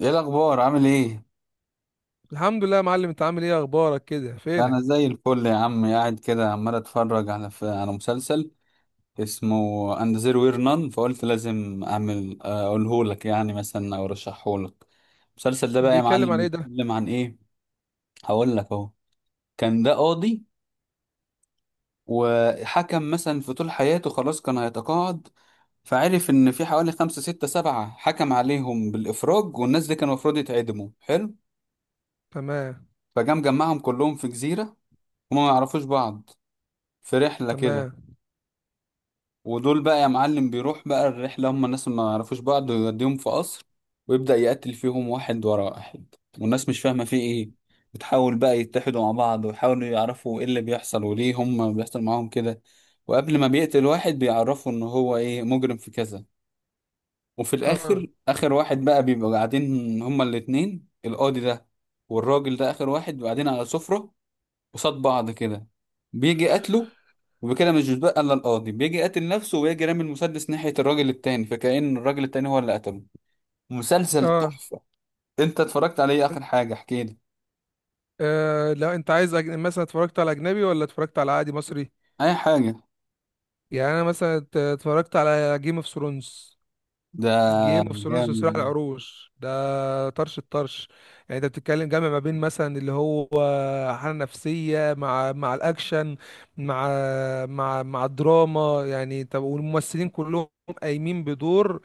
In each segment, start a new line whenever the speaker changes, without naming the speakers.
ايه الاخبار؟ عامل ايه؟
الحمد لله يا معلم، انت عامل ايه؟ اخبارك كده؟
انا
فينك؟
زي الفل يا عم، قاعد كده عمال اتفرج على مسلسل اسمه اند زيرو وير نان، فقلت لازم اعمل، اقوله لك يعني مثلا، او ارشحه لك. المسلسل ده بقى يا
بيتكلم
معلم
عن ايه ده؟
بيتكلم عن ايه؟ هقول لك اهو. كان ده قاضي وحكم مثلا في طول حياته، خلاص كان هيتقاعد. فعرف ان في حوالي خمسة ستة سبعة حكم عليهم بالافراج، والناس دي كانوا المفروض يتعدموا. حلو،
تمام.
فجام جمعهم كلهم في جزيرة، هما ما يعرفوش بعض، في رحلة كده.
تمام.
ودول بقى يا معلم بيروح بقى الرحلة، هم الناس اللي ما يعرفوش بعض، ويوديهم في قصر ويبدأ يقتل فيهم واحد ورا واحد، والناس مش فاهمة فيه ايه. بتحاول بقى يتحدوا مع بعض ويحاولوا يعرفوا ايه اللي بيحصل وليه هم بيحصل معاهم كده. وقبل ما بيقتل واحد بيعرفوا ان هو ايه، مجرم في كذا. وفي
اه.
الاخر، اخر واحد بقى بيبقوا قاعدين هما الاتنين، القاضي ده والراجل ده اخر واحد، قاعدين على سفرة قصاد بعض كده، بيجي قتله. وبكده مش بيتبقى الا القاضي، بيجي قاتل نفسه ويجي رامي المسدس ناحية الراجل التاني، فكأن الراجل التاني هو اللي قتله. مسلسل
اه.
تحفة. انت اتفرجت عليه؟ اخر حاجة احكي لي.
لا انت عايز مثلا اتفرجت على اجنبي ولا اتفرجت على عادي مصري؟
اي حاجة.
يعني انا مثلا اتفرجت على جيم اوف ثرونز.
ده
جيم اوف ثرونز
جامد
وصراع
ده.
العروش ده طرش الطرش. يعني انت بتتكلم جامع ما بين مثلا اللي هو حالة نفسية مع الاكشن، مع مع الدراما. يعني طب والممثلين كلهم قايمين بدور،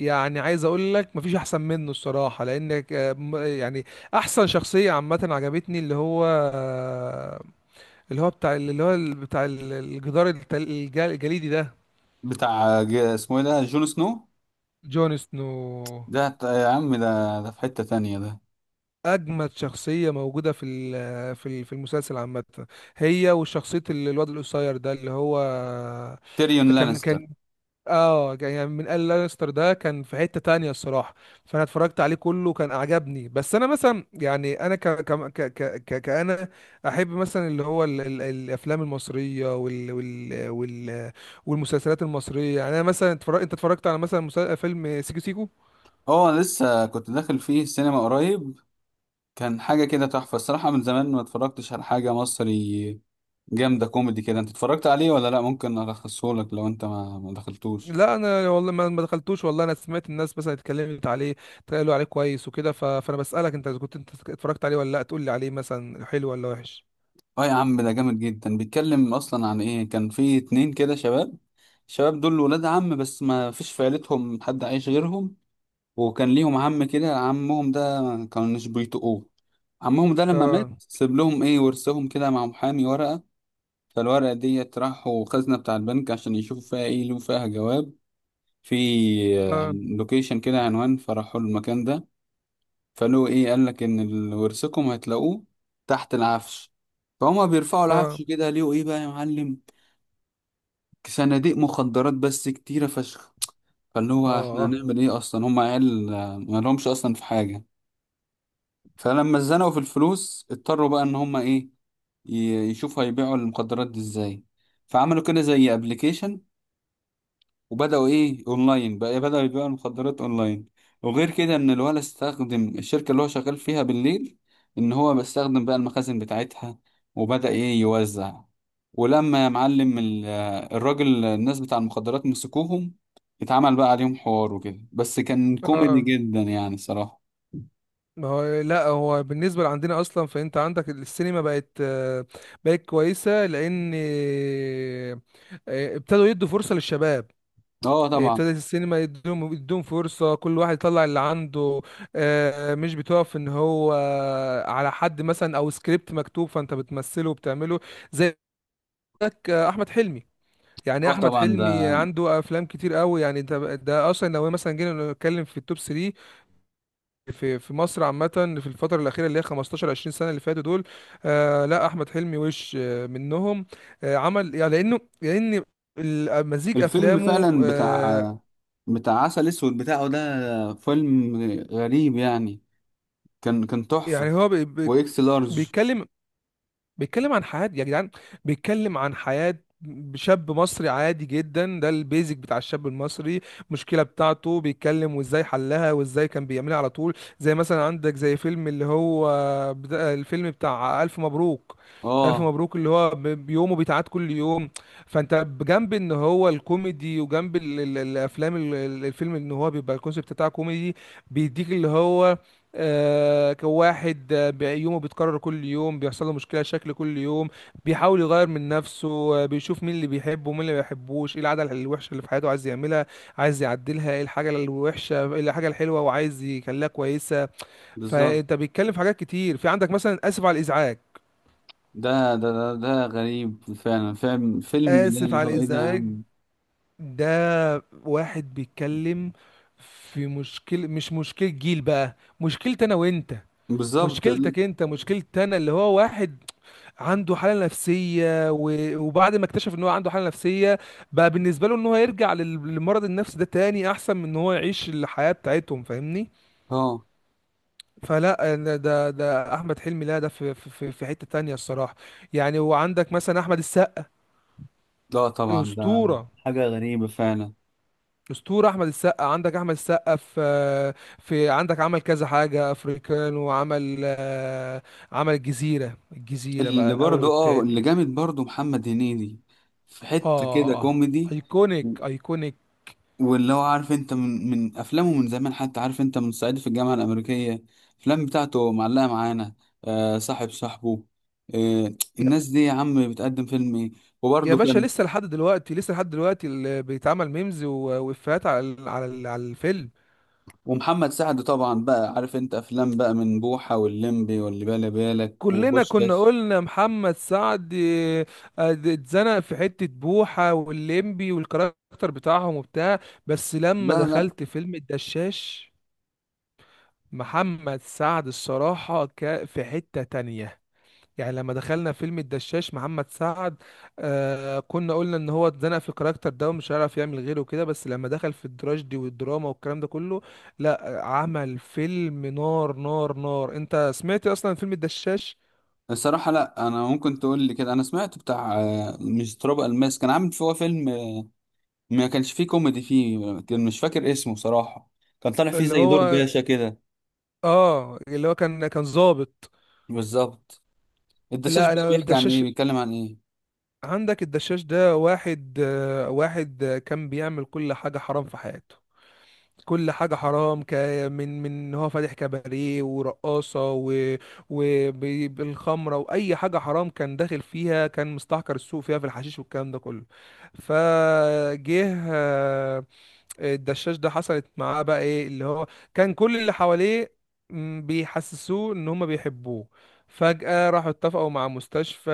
يعني عايز اقول لك مفيش احسن منه الصراحه، لانك يعني احسن شخصيه عامه عجبتني اللي هو آه، اللي هو بتاع اللي هو بتاع الجدار الجليدي ده.
بتاع اسمه ايه ده، جون سنو؟
جون سنو.
ده يا عم، ده في حتة تانية ده.
اجمد شخصيه موجوده في في في المسلسل عامه، هي وشخصيه الواد القصير ده اللي هو.
تيريون
كان
لانستر.
كان اه، يعني من قال لانستر ده كان في حتة تانية الصراحة. فانا اتفرجت عليه كله كان عجبني، بس انا مثلا يعني انا كأنا احب مثلا اللي هو ال الافلام المصرية وال والمسلسلات المصرية. يعني انا مثلا اتفرج، انت اتفرجت على مثلا فيلم سيكو سيكو؟
اه، لسه كنت داخل فيه السينما قريب. كان حاجة كده تحفة الصراحة، من زمان ما اتفرجتش على حاجة مصري جامدة كوميدي كده. انت اتفرجت عليه ولا لا؟ ممكن الخصهولك لو انت ما دخلتوش.
لا انا والله ما دخلتوش، والله انا سمعت الناس مثلا اتكلمت عليه، قالوا عليه كويس وكده فانا بسألك انت إذا كنت انت اتفرجت عليه ولا لا، تقول لي عليه مثلا حلو ولا وحش.
اه يا عم، ده جامد جدا. بيتكلم اصلا عن ايه؟ كان في اتنين كده شباب، الشباب دول ولاد عم، بس ما فيش في عيلتهم حد عايش غيرهم. وكان ليهم عم كده، عمهم ده ما كانوش بيطقوه. عمهم ده لما مات
اه.
سيب لهم ايه، ورثهم كده مع محامي ورقة. فالورقة ديت راحوا خزنة بتاع البنك عشان يشوفوا فيها ايه، لو فيها جواب في
اه.
لوكيشن كده، عنوان. فراحوا المكان ده، فلو ايه، قال لك ان ورثكم هتلاقوه تحت العفش. فهم بيرفعوا
اه.
العفش كده، ليه ايه بقى يا معلم؟ صناديق مخدرات، بس كتيرة فشخ. فاللي هو احنا
اه.
هنعمل ايه، اصلا هم عيال، ما لهمش اصلا في حاجة. فلما اتزنقوا في الفلوس اضطروا بقى ان هم ايه، يشوفوا هيبيعوا المخدرات دي ازاي. فعملوا كده زي ابلكيشن وبدأوا إيه، أونلاين بقى، إيه، بدأوا يبيعوا المخدرات أونلاين. وغير كده إن الولد استخدم الشركة اللي هو شغال فيها بالليل، إن هو بيستخدم بقى المخازن بتاعتها وبدأ إيه يوزع. ولما يا معلم الراجل، الناس بتاع المخدرات، مسكوهم، اتعمل بقى عليهم حوار وكده، بس كان كوميدي
اه.
جدا يعني صراحة.
ما هو لا، هو بالنسبه لعندنا اصلا، فانت عندك السينما بقت بقت كويسه، لان ابتدوا يدوا فرصه للشباب.
اه طبعا.
ابتدت السينما يدوم فرصه كل واحد يطلع اللي عنده. مش بتقف ان هو على حد مثلا او سكريبت مكتوب، فانت بتمثله وبتعمله. زي عندك، احمد حلمي، يعني إيه
اه
احمد
طبعا
حلمي،
ده
عنده افلام كتير قوي. يعني ده اصلا لو مثلا جينا نتكلم في التوب 3 في في مصر عامة، في الفترة الأخيرة اللي هي 15 20 سنة اللي فاتوا دول، لا أحمد حلمي وش منهم. عمل يعني، لأن مزيج
الفيلم
أفلامه
فعلا. بتاع عسل اسود بتاعه ده، فيلم غريب يعني. كان تحفة.
يعني هو
واكس لارج.
بيتكلم، بيتكلم عن حياة يا جدعان. بيتكلم عن حياة شاب مصري عادي جدا، ده البيزك بتاع الشاب المصري. المشكلة بتاعته بيتكلم وازاي حلها وازاي كان بيعملها على طول. زي مثلا عندك زي فيلم اللي هو الفيلم بتاع ألف مبروك. ألف
اه،
مبروك اللي هو بيومه بيتعاد كل يوم. فأنت بجنب إن هو الكوميدي وجنب الأفلام الفيلم، إن هو بيبقى الكونسيبت بتاعه كوميدي، بيديك اللي هو كواحد يومه بيتكرر كل يوم، بيحصل له مشكلة شكل كل يوم، بيحاول يغير من نفسه. بيشوف مين اللي بيحبه ومين اللي ما بيحبوش، ايه العادة الوحشة اللي في حياته عايز يعملها، عايز يعدلها، ايه الحاجة الوحشة، ايه الحاجة الحلوة وعايز يخليها كويسة.
بالظبط.
فانت بيتكلم في حاجات كتير. في عندك مثلا اسف على الازعاج.
ده غريب فعلا، فيلم ده.
اسف
اللي
على
هو ايه ده يا
الازعاج
عم؟
ده واحد بيتكلم في مشكلة، مش مشكلة جيل بقى، مشكلة انا وانت.
بالظبط. ال-
مشكلتك انت مشكلتي انا، اللي هو واحد عنده حالة نفسية، وبعد ما اكتشف ان هو عنده حالة نفسية، بقى بالنسبة له ان هو يرجع للمرض النفسي ده تاني احسن من ان هو يعيش الحياة بتاعتهم، فاهمني.
اه.
فلا أنا ده احمد حلمي، لا ده في حتة تانية الصراحة. يعني وعندك مثلا احمد السقا،
لا طبعا، ده
اسطورة.
حاجة غريبة فعلا.
اسطورة احمد السقا. عندك احمد السقا في، في عندك عمل كذا حاجة افريكان، وعمل عمل الجزيرة، الجزيرة بقى
اللي
الاول
برضو اه، اللي
والتاني.
جامد برضو محمد هنيدي. في حتة كده
اه.
كوميدي. و-
ايكونيك.
واللي هو، عارف انت، من افلامه من زمان، حتى عارف انت، من صعيدي في الجامعة الأمريكية. الافلام بتاعته معلقة معانا. آه،
ايكونيك.
صاحبه. آه، الناس دي يا عم بتقدم فيلم ايه.
يا
وبرضه
باشا
كان.
لسه لحد دلوقتي، لسه لحد دلوقتي اللي بيتعمل ميمز وإفيهات على على الفيلم.
ومحمد سعد طبعا بقى، عارف انت افلام بقى من بوحة واللمبي واللي بالي بالك
كلنا كنا
وبوشكاش.
قلنا محمد سعد اتزنق في حتة بوحة والليمبي والكاركتر بتاعهم وبتاع، بس لما
لا لا.
دخلت فيلم الدشاش، محمد سعد الصراحة في حتة تانية. يعني لما دخلنا فيلم الدشاش محمد سعد، كنا قلنا ان هو اتزنق في الكاركتر ده ومش هيعرف يعمل غيره كده، بس لما دخل في التراجيدي والدراما والكلام ده كله، لا عمل فيلم نار نار نار. انت سمعت اصلا فيلم الدشاش؟
الصراحة لا، انا ممكن تقول لي كده، انا سمعت بتاع، مش تراب الماس كان عامل فيه فيلم، ما كانش فيه كوميدي فيه، كان مش فاكر اسمه صراحة. كان طالع فيه
اللي
زي دور
هو
باشا كده.
اه اللي هو كان ظابط.
بالظبط. الدشاش
لا
بقى
انا
بيحكي عن ايه،
الدشاش،
بيتكلم عن ايه؟
عندك الدشاش ده واحد كان بيعمل كل حاجة حرام في حياته. كل حاجة حرام من إن هو فاتح كباريه ورقاصة وبالخمرة، وأي حاجة حرام كان داخل فيها، كان مستحكر السوق فيها في الحشيش والكلام ده كله. فجه الدشاش ده، حصلت معاه بقى ايه اللي هو، كان كل اللي حواليه بيحسسوه ان هم بيحبوه. فجأة راحوا اتفقوا مع مستشفى،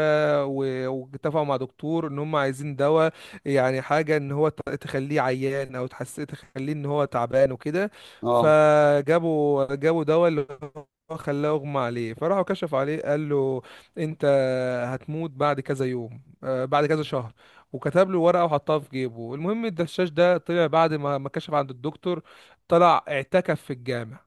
واتفقوا مع دكتور ان هم عايزين دواء، يعني حاجة ان هو تخليه عيان، او تحس تخليه ان هو تعبان وكده.
اه.
فجابوا دواء اللي هو خلاه اغمى عليه، فراحوا كشفوا عليه، قال له انت هتموت بعد كذا يوم، بعد كذا شهر. وكتب له ورقه وحطها في جيبه. المهم الدشاش ده طلع بعد ما كشف عند الدكتور، طلع اعتكف في الجامع.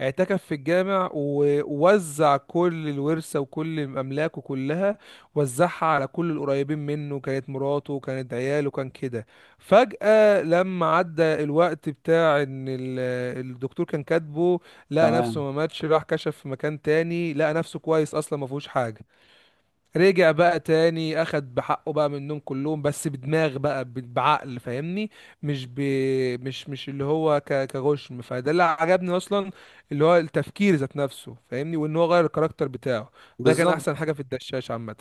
اعتكف في الجامع ووزع كل الورثة وكل أملاكه كلها، وزعها على كل القريبين منه، كانت مراته كانت عياله كان كده. فجأة لما عدى الوقت بتاع إن الدكتور كان كاتبه، لقى نفسه
تمام.
ما ماتش، راح كشف في مكان تاني لقى نفسه كويس، أصلا ما فيهوش حاجة. رجع بقى تاني اخد بحقه بقى منهم كلهم، بس بدماغ بقى بعقل، فاهمني؟ مش ب... مش اللي هو كغشم. فده اللي عجبني اصلا، اللي هو التفكير ذات نفسه، فاهمني، وان هو غير الكاركتر بتاعه. ده كان احسن
بالظبط.
حاجة في الدشاش عامة.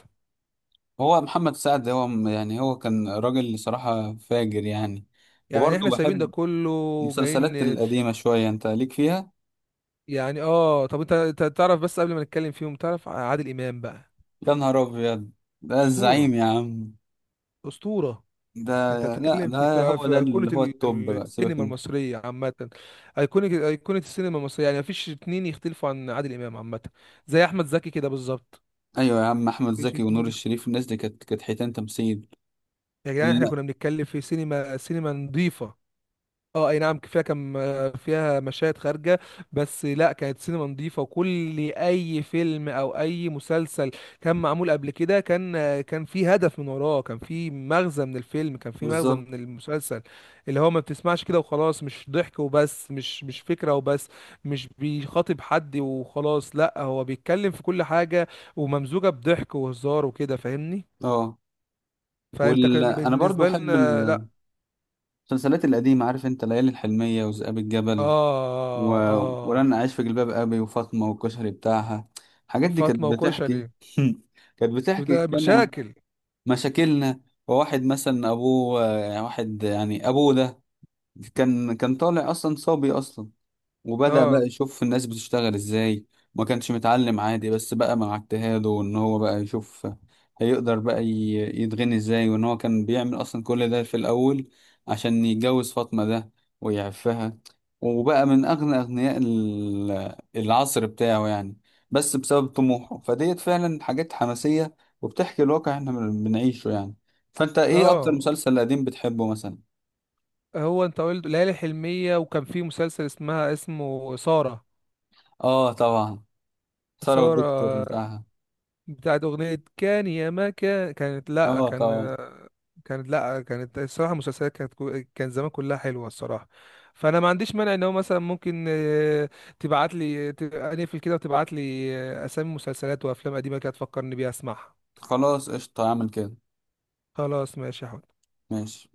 هو محمد سعد هو يعني هو كان راجل صراحة فاجر يعني.
يعني
وبرضه
احنا سايبين ده
بحب
كله
المسلسلات
وجايين،
القديمة شوية. انت ليك فيها؟
يعني اه. طب انت، أنت تعرف بس قبل ما نتكلم فيهم، تعرف عادل امام بقى،
يا نهار ابيض، ده الزعيم
اسطورة.
يا عم.
اسطورة.
ده
انت
لا،
بتتكلم في
ده هو ده
ايقونه
اللي هو التوب بقى، سيبك
السينما
انت.
المصريه عامه. ايقونه، ايقونه السينما المصريه، يعني مفيش اتنين يختلفوا عن عادل امام عامه. زي احمد زكي كده بالظبط.
ايوه يا عم، احمد
مفيش
زكي ونور
اتنين يخت...
الشريف، الناس دي كانت حيتان تمثيل.
يا جدعان احنا
لا.
كنا بنتكلم في سينما نظيفه. اه اي نعم فيها كم، فيها مشاهد خارجة، بس لا كانت سينما نظيفة، وكل اي فيلم او اي مسلسل كان معمول قبل كده كان في هدف من وراه، كان في مغزى من الفيلم، كان في مغزى
بالظبط.
من المسلسل، اللي هو ما بتسمعش كده وخلاص، مش ضحك وبس، مش فكرة وبس، مش بيخاطب حد وخلاص، لا هو بيتكلم في كل حاجة وممزوجة بضحك وهزار وكده، فاهمني؟
اه.
فانت
وال...
كان
انا برضو
بالنسبة
احب
لنا لا.
المسلسلات القديمه. عارف انت ليالي الحلميه وذئاب الجبل
اه.
و...
اه.
ولن اعيش في جلباب ابي، وفاطمه والكشري بتاعها. الحاجات دي كانت
فاطمة
بتحكي
وكشري.
كانت بتحكي
ده
فعلا
مشاكل.
مشاكلنا. وواحد مثلا ابوه، يعني واحد يعني، ابوه ده كان طالع اصلا صبي اصلا، وبدأ بقى
اه.
يشوف الناس بتشتغل ازاي. ما كانش متعلم عادي، بس بقى مع اجتهاده وان هو بقى يشوف هيقدر بقى يتغني ازاي. وان هو كان بيعمل اصلا كل ده في الاول عشان يتجوز فاطمة ده ويعفها، وبقى من اغنى اغنياء ال- العصر بتاعه يعني، بس بسبب طموحه. فديت فعلا حاجات حماسية، وبتحكي الواقع احنا بنعيشه يعني. فانت ايه اكتر
اه.
مسلسل قديم بتحبه مثلا؟
هو انت قلت ليالي حلمية، وكان في مسلسل اسمها اسمه سارة.
اه طبعا. سارة والدكتور
سارة
بتاعها.
بتاعت أغنية كان يا ما كان، كانت لأ
اه طبعا.
كان، كانت لأ كانت، الصراحة المسلسلات كانت كان زمان كلها حلوة الصراحة. فأنا ما عنديش مانع إن هو مثلا ممكن تبعت لي أقفل كده، وتبعت لي أسامي مسلسلات وأفلام قديمة كده تفكرني بيها أسمعها.
خلاص، قشطة، اعمل كده.
خلاص ماشي يا حوت.
ماشي.